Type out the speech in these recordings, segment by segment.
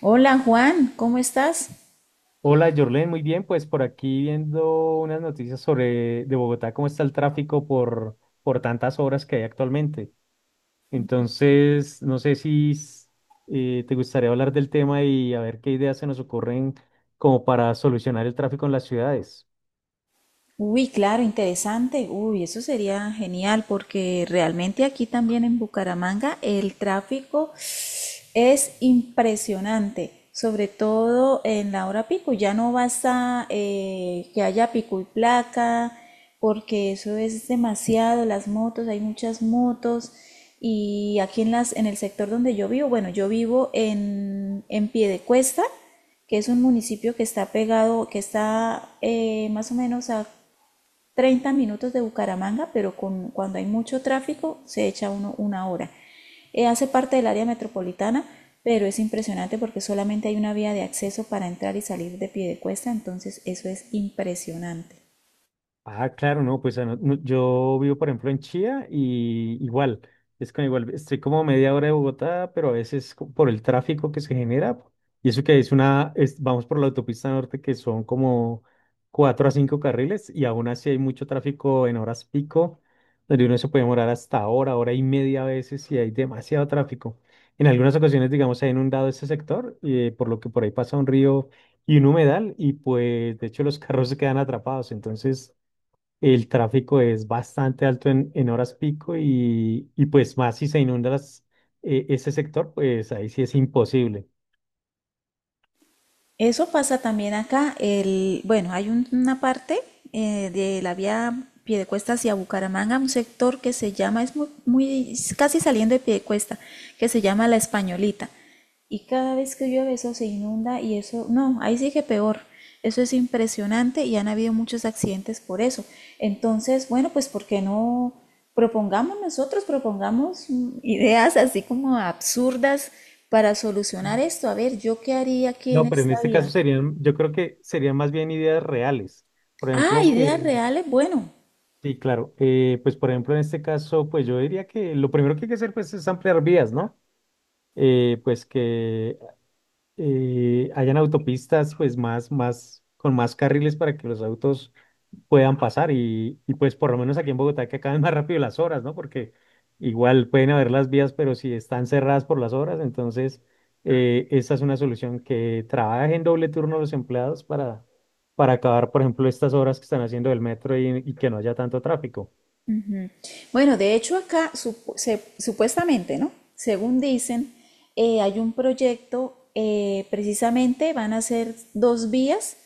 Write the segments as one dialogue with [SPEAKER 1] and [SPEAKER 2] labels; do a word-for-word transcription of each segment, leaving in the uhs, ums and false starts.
[SPEAKER 1] Hola Juan, ¿cómo estás?
[SPEAKER 2] Hola, Jorlen, muy bien, pues por aquí viendo unas noticias sobre de Bogotá, cómo está el tráfico por, por tantas obras que hay actualmente. Entonces, no sé si s- eh, te gustaría hablar del tema y a ver qué ideas se nos ocurren como para solucionar el tráfico en las ciudades.
[SPEAKER 1] Uy, claro, interesante. Uy, eso sería genial porque realmente aquí también en Bucaramanga el tráfico es impresionante, sobre todo en la hora pico. Ya no basta eh, que haya pico y placa, porque eso es demasiado. Las motos, hay muchas motos. Y aquí en, las, en el sector donde yo vivo, bueno, yo vivo en, en Piedecuesta, que es un municipio que está pegado, que está eh, más o menos a treinta minutos de Bucaramanga, pero con, cuando hay mucho tráfico se echa uno una hora. Eh, hace parte del área metropolitana, pero es impresionante porque solamente hay una vía de acceso para entrar y salir de Piedecuesta, entonces eso es impresionante.
[SPEAKER 2] Ah, claro, no, pues ah, no- no, yo vivo, por ejemplo, en Chía y igual, es con igual, estoy como a media hora de Bogotá, pero a veces co- por el tráfico que se genera, y eso que es una, es- vamos por la autopista norte que son como cuatro a cinco carriles y aún así hay mucho tráfico en horas pico, donde uno se puede demorar hasta hora, hora y media a veces y hay demasiado tráfico. En algunas ocasiones, digamos, se ha inundado este sector, eh, por lo que por ahí pasa un río y un humedal y pues de hecho los carros se quedan atrapados, entonces, el tráfico es bastante alto en, en horas pico y, y pues más si se inunda las- eh, ese sector, pues ahí sí es imposible.
[SPEAKER 1] Eso pasa también acá. El, bueno, hay un- una parte eh, de la vía Piedecuesta hacia Bucaramanga, un sector que se llama, es muy, muy- es casi saliendo de Piedecuesta, que se llama La Españolita. Y cada vez que llueve eso se inunda y eso, no, ahí sí que peor. Eso es impresionante y han habido muchos accidentes por eso. Entonces, bueno, pues ¿por qué no? Propongamos nosotros, propongamos mm, ideas así como absurdas para solucionar esto. A ver, ¿yo qué haría aquí en
[SPEAKER 2] No, pero en
[SPEAKER 1] esta
[SPEAKER 2] este caso
[SPEAKER 1] vía?
[SPEAKER 2] serían, yo creo que serían más bien ideas reales. Por
[SPEAKER 1] Ah,
[SPEAKER 2] ejemplo, eh,
[SPEAKER 1] ideas reales, bueno.
[SPEAKER 2] sí, claro, eh, pues por ejemplo en este caso, pues yo diría que lo primero que hay que hacer pues es ampliar vías, ¿no? Eh, pues que eh, hayan autopistas pues más, más, con más carriles para que los autos puedan pasar y, y pues por lo menos aquí en Bogotá que acaben más rápido las horas, ¿no? Porque igual pueden haber las vías, pero si están cerradas por las horas, entonces eh, esa es una solución que trabajen doble turno los empleados para, para acabar, por ejemplo, estas horas que están haciendo del metro y, y que no haya tanto tráfico.
[SPEAKER 1] Bueno, de hecho acá sup- se- supuestamente, ¿no? Según dicen, eh, hay un proyecto, eh, precisamente van a ser dos vías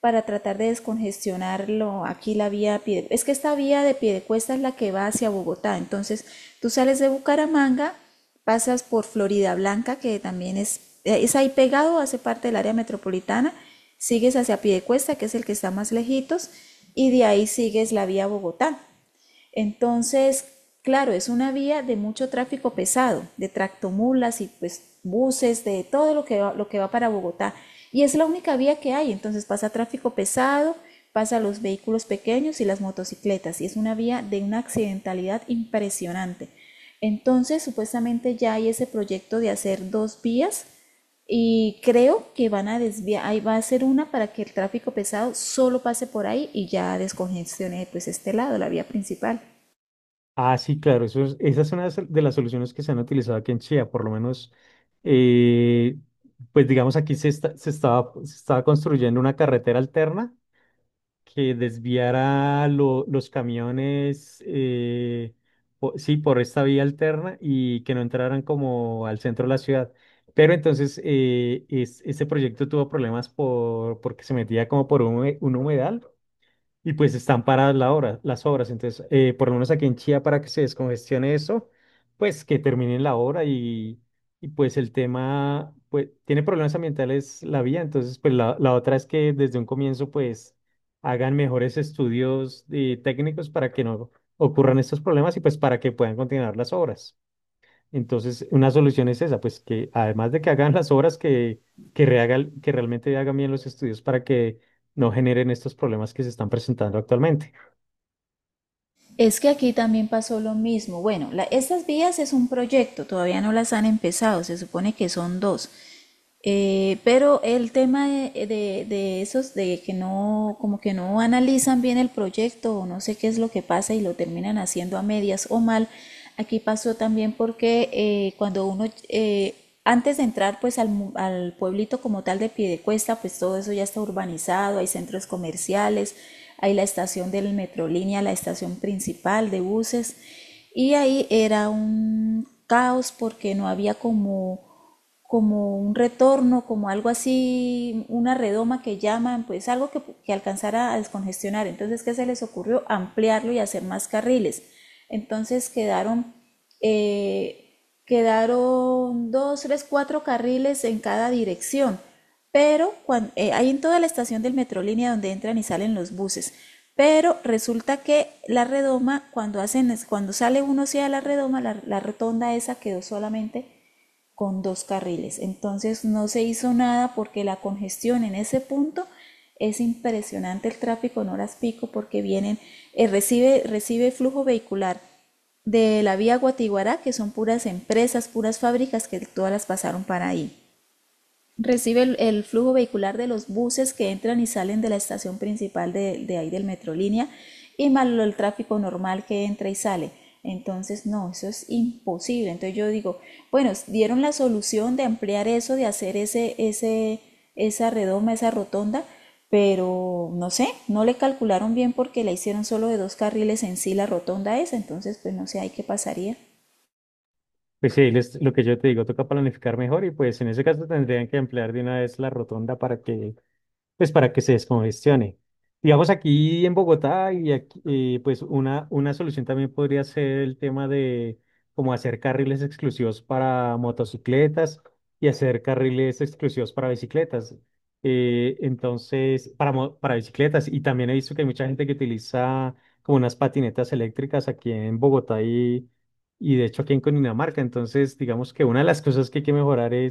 [SPEAKER 1] para tratar de descongestionarlo. Aquí la vía Piede- Es que esta vía de Piedecuesta es la que va hacia Bogotá. Entonces, tú sales de Bucaramanga, pasas por Florida Blanca, que también es, eh, es ahí pegado, hace parte del área metropolitana, sigues hacia Piedecuesta, que es el que está más lejitos, y de ahí sigues la vía Bogotá. Entonces, claro, es una vía de mucho tráfico pesado, de tractomulas y pues buses, de todo lo que va, lo que va para Bogotá. Y es la única vía que hay, entonces pasa tráfico pesado, pasa los vehículos pequeños y las motocicletas, y es una vía de una accidentalidad impresionante. Entonces, supuestamente ya hay ese proyecto de hacer dos vías y creo que van a desviar, ahí va a ser una para que el tráfico pesado solo pase por ahí y ya descongestione pues este lado, la vía principal.
[SPEAKER 2] Ah, sí, claro, eso es, esa es una de de las soluciones que se han utilizado aquí en Chía, por lo menos, eh, pues digamos aquí se, está- se estaba, se estaba construyendo una carretera alterna que desviara lo- los camiones, eh, po- sí, por esta vía alterna y que no entraran como al centro de la ciudad. Pero entonces eh, es- ese proyecto tuvo problemas por, porque se metía como por un, hume- un humedal y pues están paradas la hora, las obras. Entonces, eh, por lo menos aquí en Chía, para que se descongestione eso, pues que terminen la obra y, y pues el tema, pues tiene problemas ambientales la vía. Entonces, pues la, la otra es que desde un comienzo, pues hagan mejores estudios eh, técnicos para que no ocurran estos problemas y pues para que puedan continuar las obras. Entonces, una solución es esa, pues que además de que hagan las obras, que, que, rehaga- que realmente hagan bien los estudios para que no generen estos problemas que se están presentando actualmente.
[SPEAKER 1] Es que aquí también pasó lo mismo. Bueno, la- estas vías es un proyecto, todavía no las han empezado, se supone que son dos. Eh, pero el tema de, de- de esos, de que no, como que no analizan bien el proyecto o no sé qué es lo que pasa y lo terminan haciendo a medias o mal, aquí pasó también porque eh, cuando uno eh, antes de entrar pues al, mu- al pueblito como tal de Piedecuesta, pues todo eso ya está urbanizado, hay centros comerciales, hay la estación del Metrolínea, la estación principal de buses, y ahí era un caos porque no había como como un retorno, como algo así, una redoma que llaman, pues algo que, que, alcanzara a descongestionar. Entonces, ¿qué se les ocurrió? Ampliarlo y hacer más carriles. Entonces quedaron, eh, quedaron dos, tres, cuatro carriles en cada dirección, pero cuando, eh, hay en toda la estación del Metrolínea donde entran y salen los buses. Pero resulta que la redoma, cuando, hacen, cuando sale uno hacia la redoma, la, la rotonda esa quedó solamente con dos carriles. Entonces no se hizo nada porque la congestión en ese punto es impresionante el tráfico en horas pico porque vienen, eh, recibe, recibe flujo vehicular de la vía Guatiguará, que son puras empresas, puras fábricas que todas las pasaron para ahí. Recibe el, el flujo vehicular de los buses que entran y salen de la estación principal de, de ahí del Metrolínea y más el tráfico normal que entra y sale. Entonces, no, eso es imposible. Entonces yo digo, bueno, dieron la solución de ampliar eso, de hacer ese, ese, esa redoma, esa rotonda, pero no sé, no le calcularon bien porque la hicieron solo de dos carriles en sí la rotonda esa. Entonces, pues no sé, ahí qué pasaría.
[SPEAKER 2] Pues sí, les- lo que yo te digo, toca planificar mejor y pues en ese caso tendrían que emplear de una vez la rotonda para que pues para que se descongestione. Digamos aquí en Bogotá y aquí, eh, pues una, una solución también podría ser el tema de como hacer carriles exclusivos para motocicletas y hacer carriles exclusivos para bicicletas. Eh, entonces, para, mo- para bicicletas. Y también he visto que hay mucha gente que utiliza como unas patinetas eléctricas aquí en Bogotá y, y de hecho aquí en Cundinamarca. Entonces, digamos que una de las cosas que hay que mejorar eh,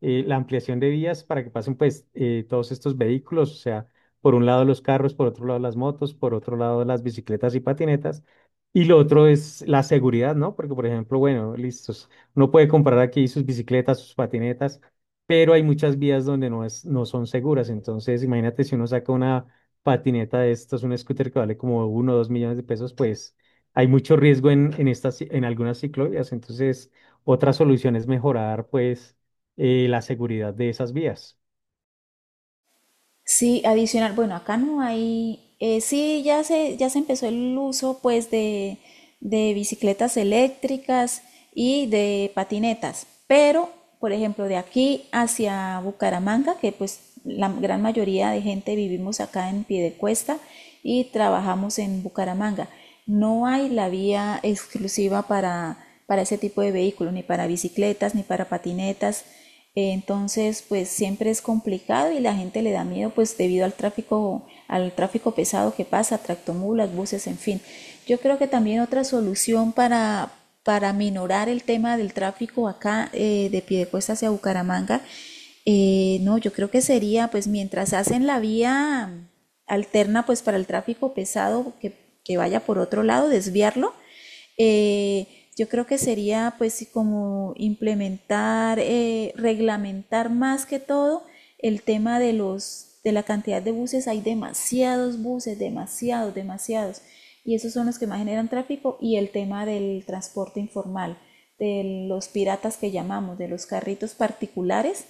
[SPEAKER 2] la ampliación de vías para que pasen pues eh, todos estos vehículos, o sea, por un lado los carros, por otro lado las motos, por otro lado las bicicletas y patinetas, y lo otro es la seguridad, ¿no? Porque por ejemplo, bueno, listos, uno puede comprar aquí sus bicicletas, sus patinetas, pero hay muchas vías donde no es, no son seguras, entonces imagínate si uno saca una patineta de estos, un scooter que vale como uno o dos millones de pesos, pues hay mucho riesgo en, en estas, ci- en algunas ciclovías, entonces otra solución es mejorar, pues, eh, la seguridad de esas vías.
[SPEAKER 1] Sí, adicional, bueno, acá no hay, eh, sí, ya se, ya se empezó el uso pues de, de bicicletas eléctricas y de patinetas, pero por ejemplo de aquí hacia Bucaramanga, que pues la gran mayoría de gente vivimos acá en Piedecuesta y trabajamos en Bucaramanga, no hay la vía exclusiva para, para ese tipo de vehículos, ni para bicicletas, ni para patinetas, entonces, pues siempre es complicado y la gente le da miedo, pues debido al tráfico, al tráfico pesado que pasa, tractomulas, buses, en fin. Yo creo que también otra solución para, para minorar el tema del tráfico acá eh, de Piedecuesta hacia Bucaramanga, eh, no, yo creo que sería, pues mientras hacen la vía alterna, pues para el tráfico pesado que, que vaya por otro lado, desviarlo, eh, yo creo que sería pues sí, como implementar, eh, reglamentar más que todo el tema de los de la cantidad de buses. Hay demasiados buses, demasiados, demasiados. Y esos son los que más generan tráfico y el tema del transporte informal, de los piratas que llamamos, de los carritos particulares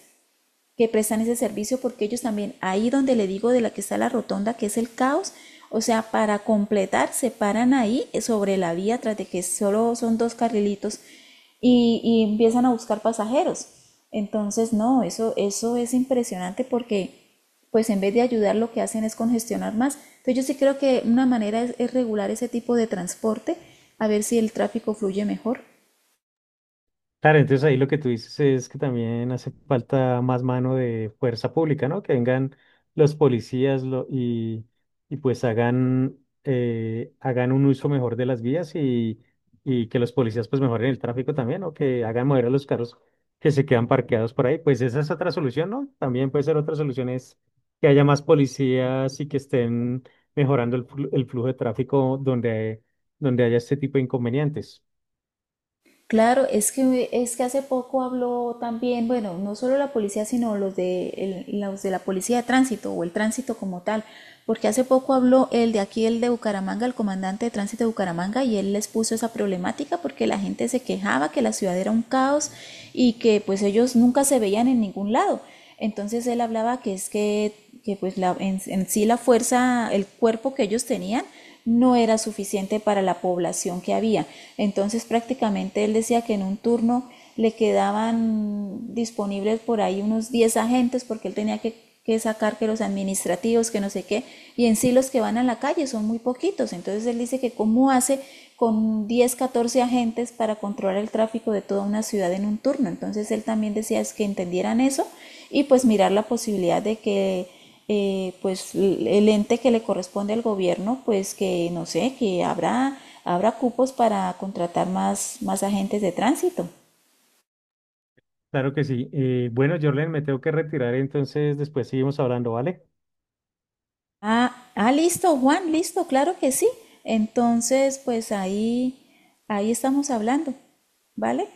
[SPEAKER 1] que prestan ese servicio porque ellos también, ahí donde le digo de la que está la rotonda, que es el caos, o sea, para completar, se paran ahí eh, sobre la vía tras de que solo son dos carrilitos y, y empiezan a buscar pasajeros. Entonces, no, eso, eso es impresionante porque pues en vez de ayudar lo que hacen es congestionar más. Entonces yo sí creo que una manera es, es regular ese tipo de transporte, a ver si el tráfico fluye mejor.
[SPEAKER 2] Claro, entonces ahí lo que tú dices es que también hace falta más mano de fuerza pública, ¿no? Que vengan los policías lo- y, y pues hagan, eh, hagan un uso mejor de las vías y, y que los policías pues mejoren el tráfico también, o que hagan mover a los carros que se quedan parqueados por ahí. Pues esa es otra solución, ¿no? También puede ser otra solución es que haya más policías y que estén mejorando el, flu- el flujo de tráfico donde, donde haya este tipo de inconvenientes.
[SPEAKER 1] Claro, es que, es que hace poco habló también, bueno, no solo la policía, sino los de, el- los de la policía de tránsito o el tránsito como tal, porque hace poco habló el de aquí, el de Bucaramanga, el comandante de tránsito de Bucaramanga, y él les puso esa problemática porque la gente se quejaba que la ciudad era un caos y que pues ellos nunca se veían en ningún lado. Entonces él hablaba que es que que pues la, en, en sí la fuerza, el cuerpo que ellos tenían no era suficiente para la población que había. Entonces prácticamente él decía que en un turno le quedaban disponibles por ahí unos diez agentes porque él tenía que, que, sacar que los administrativos, que no sé qué, y en sí los que van a la calle son muy poquitos. Entonces él dice que cómo hace con diez catorce agentes para controlar el tráfico de toda una ciudad en un turno. Entonces él también decía es que entendieran eso y pues mirar la posibilidad de que eh, pues el ente que le corresponde al gobierno pues que no sé que habrá habrá cupos para contratar más más agentes de tránsito.
[SPEAKER 2] Claro que sí. Eh, bueno, Jorlen, me tengo que retirar, entonces después seguimos hablando, ¿vale?
[SPEAKER 1] Ah, ah listo Juan, listo, claro que sí. Entonces pues ahí ahí estamos hablando. Vale.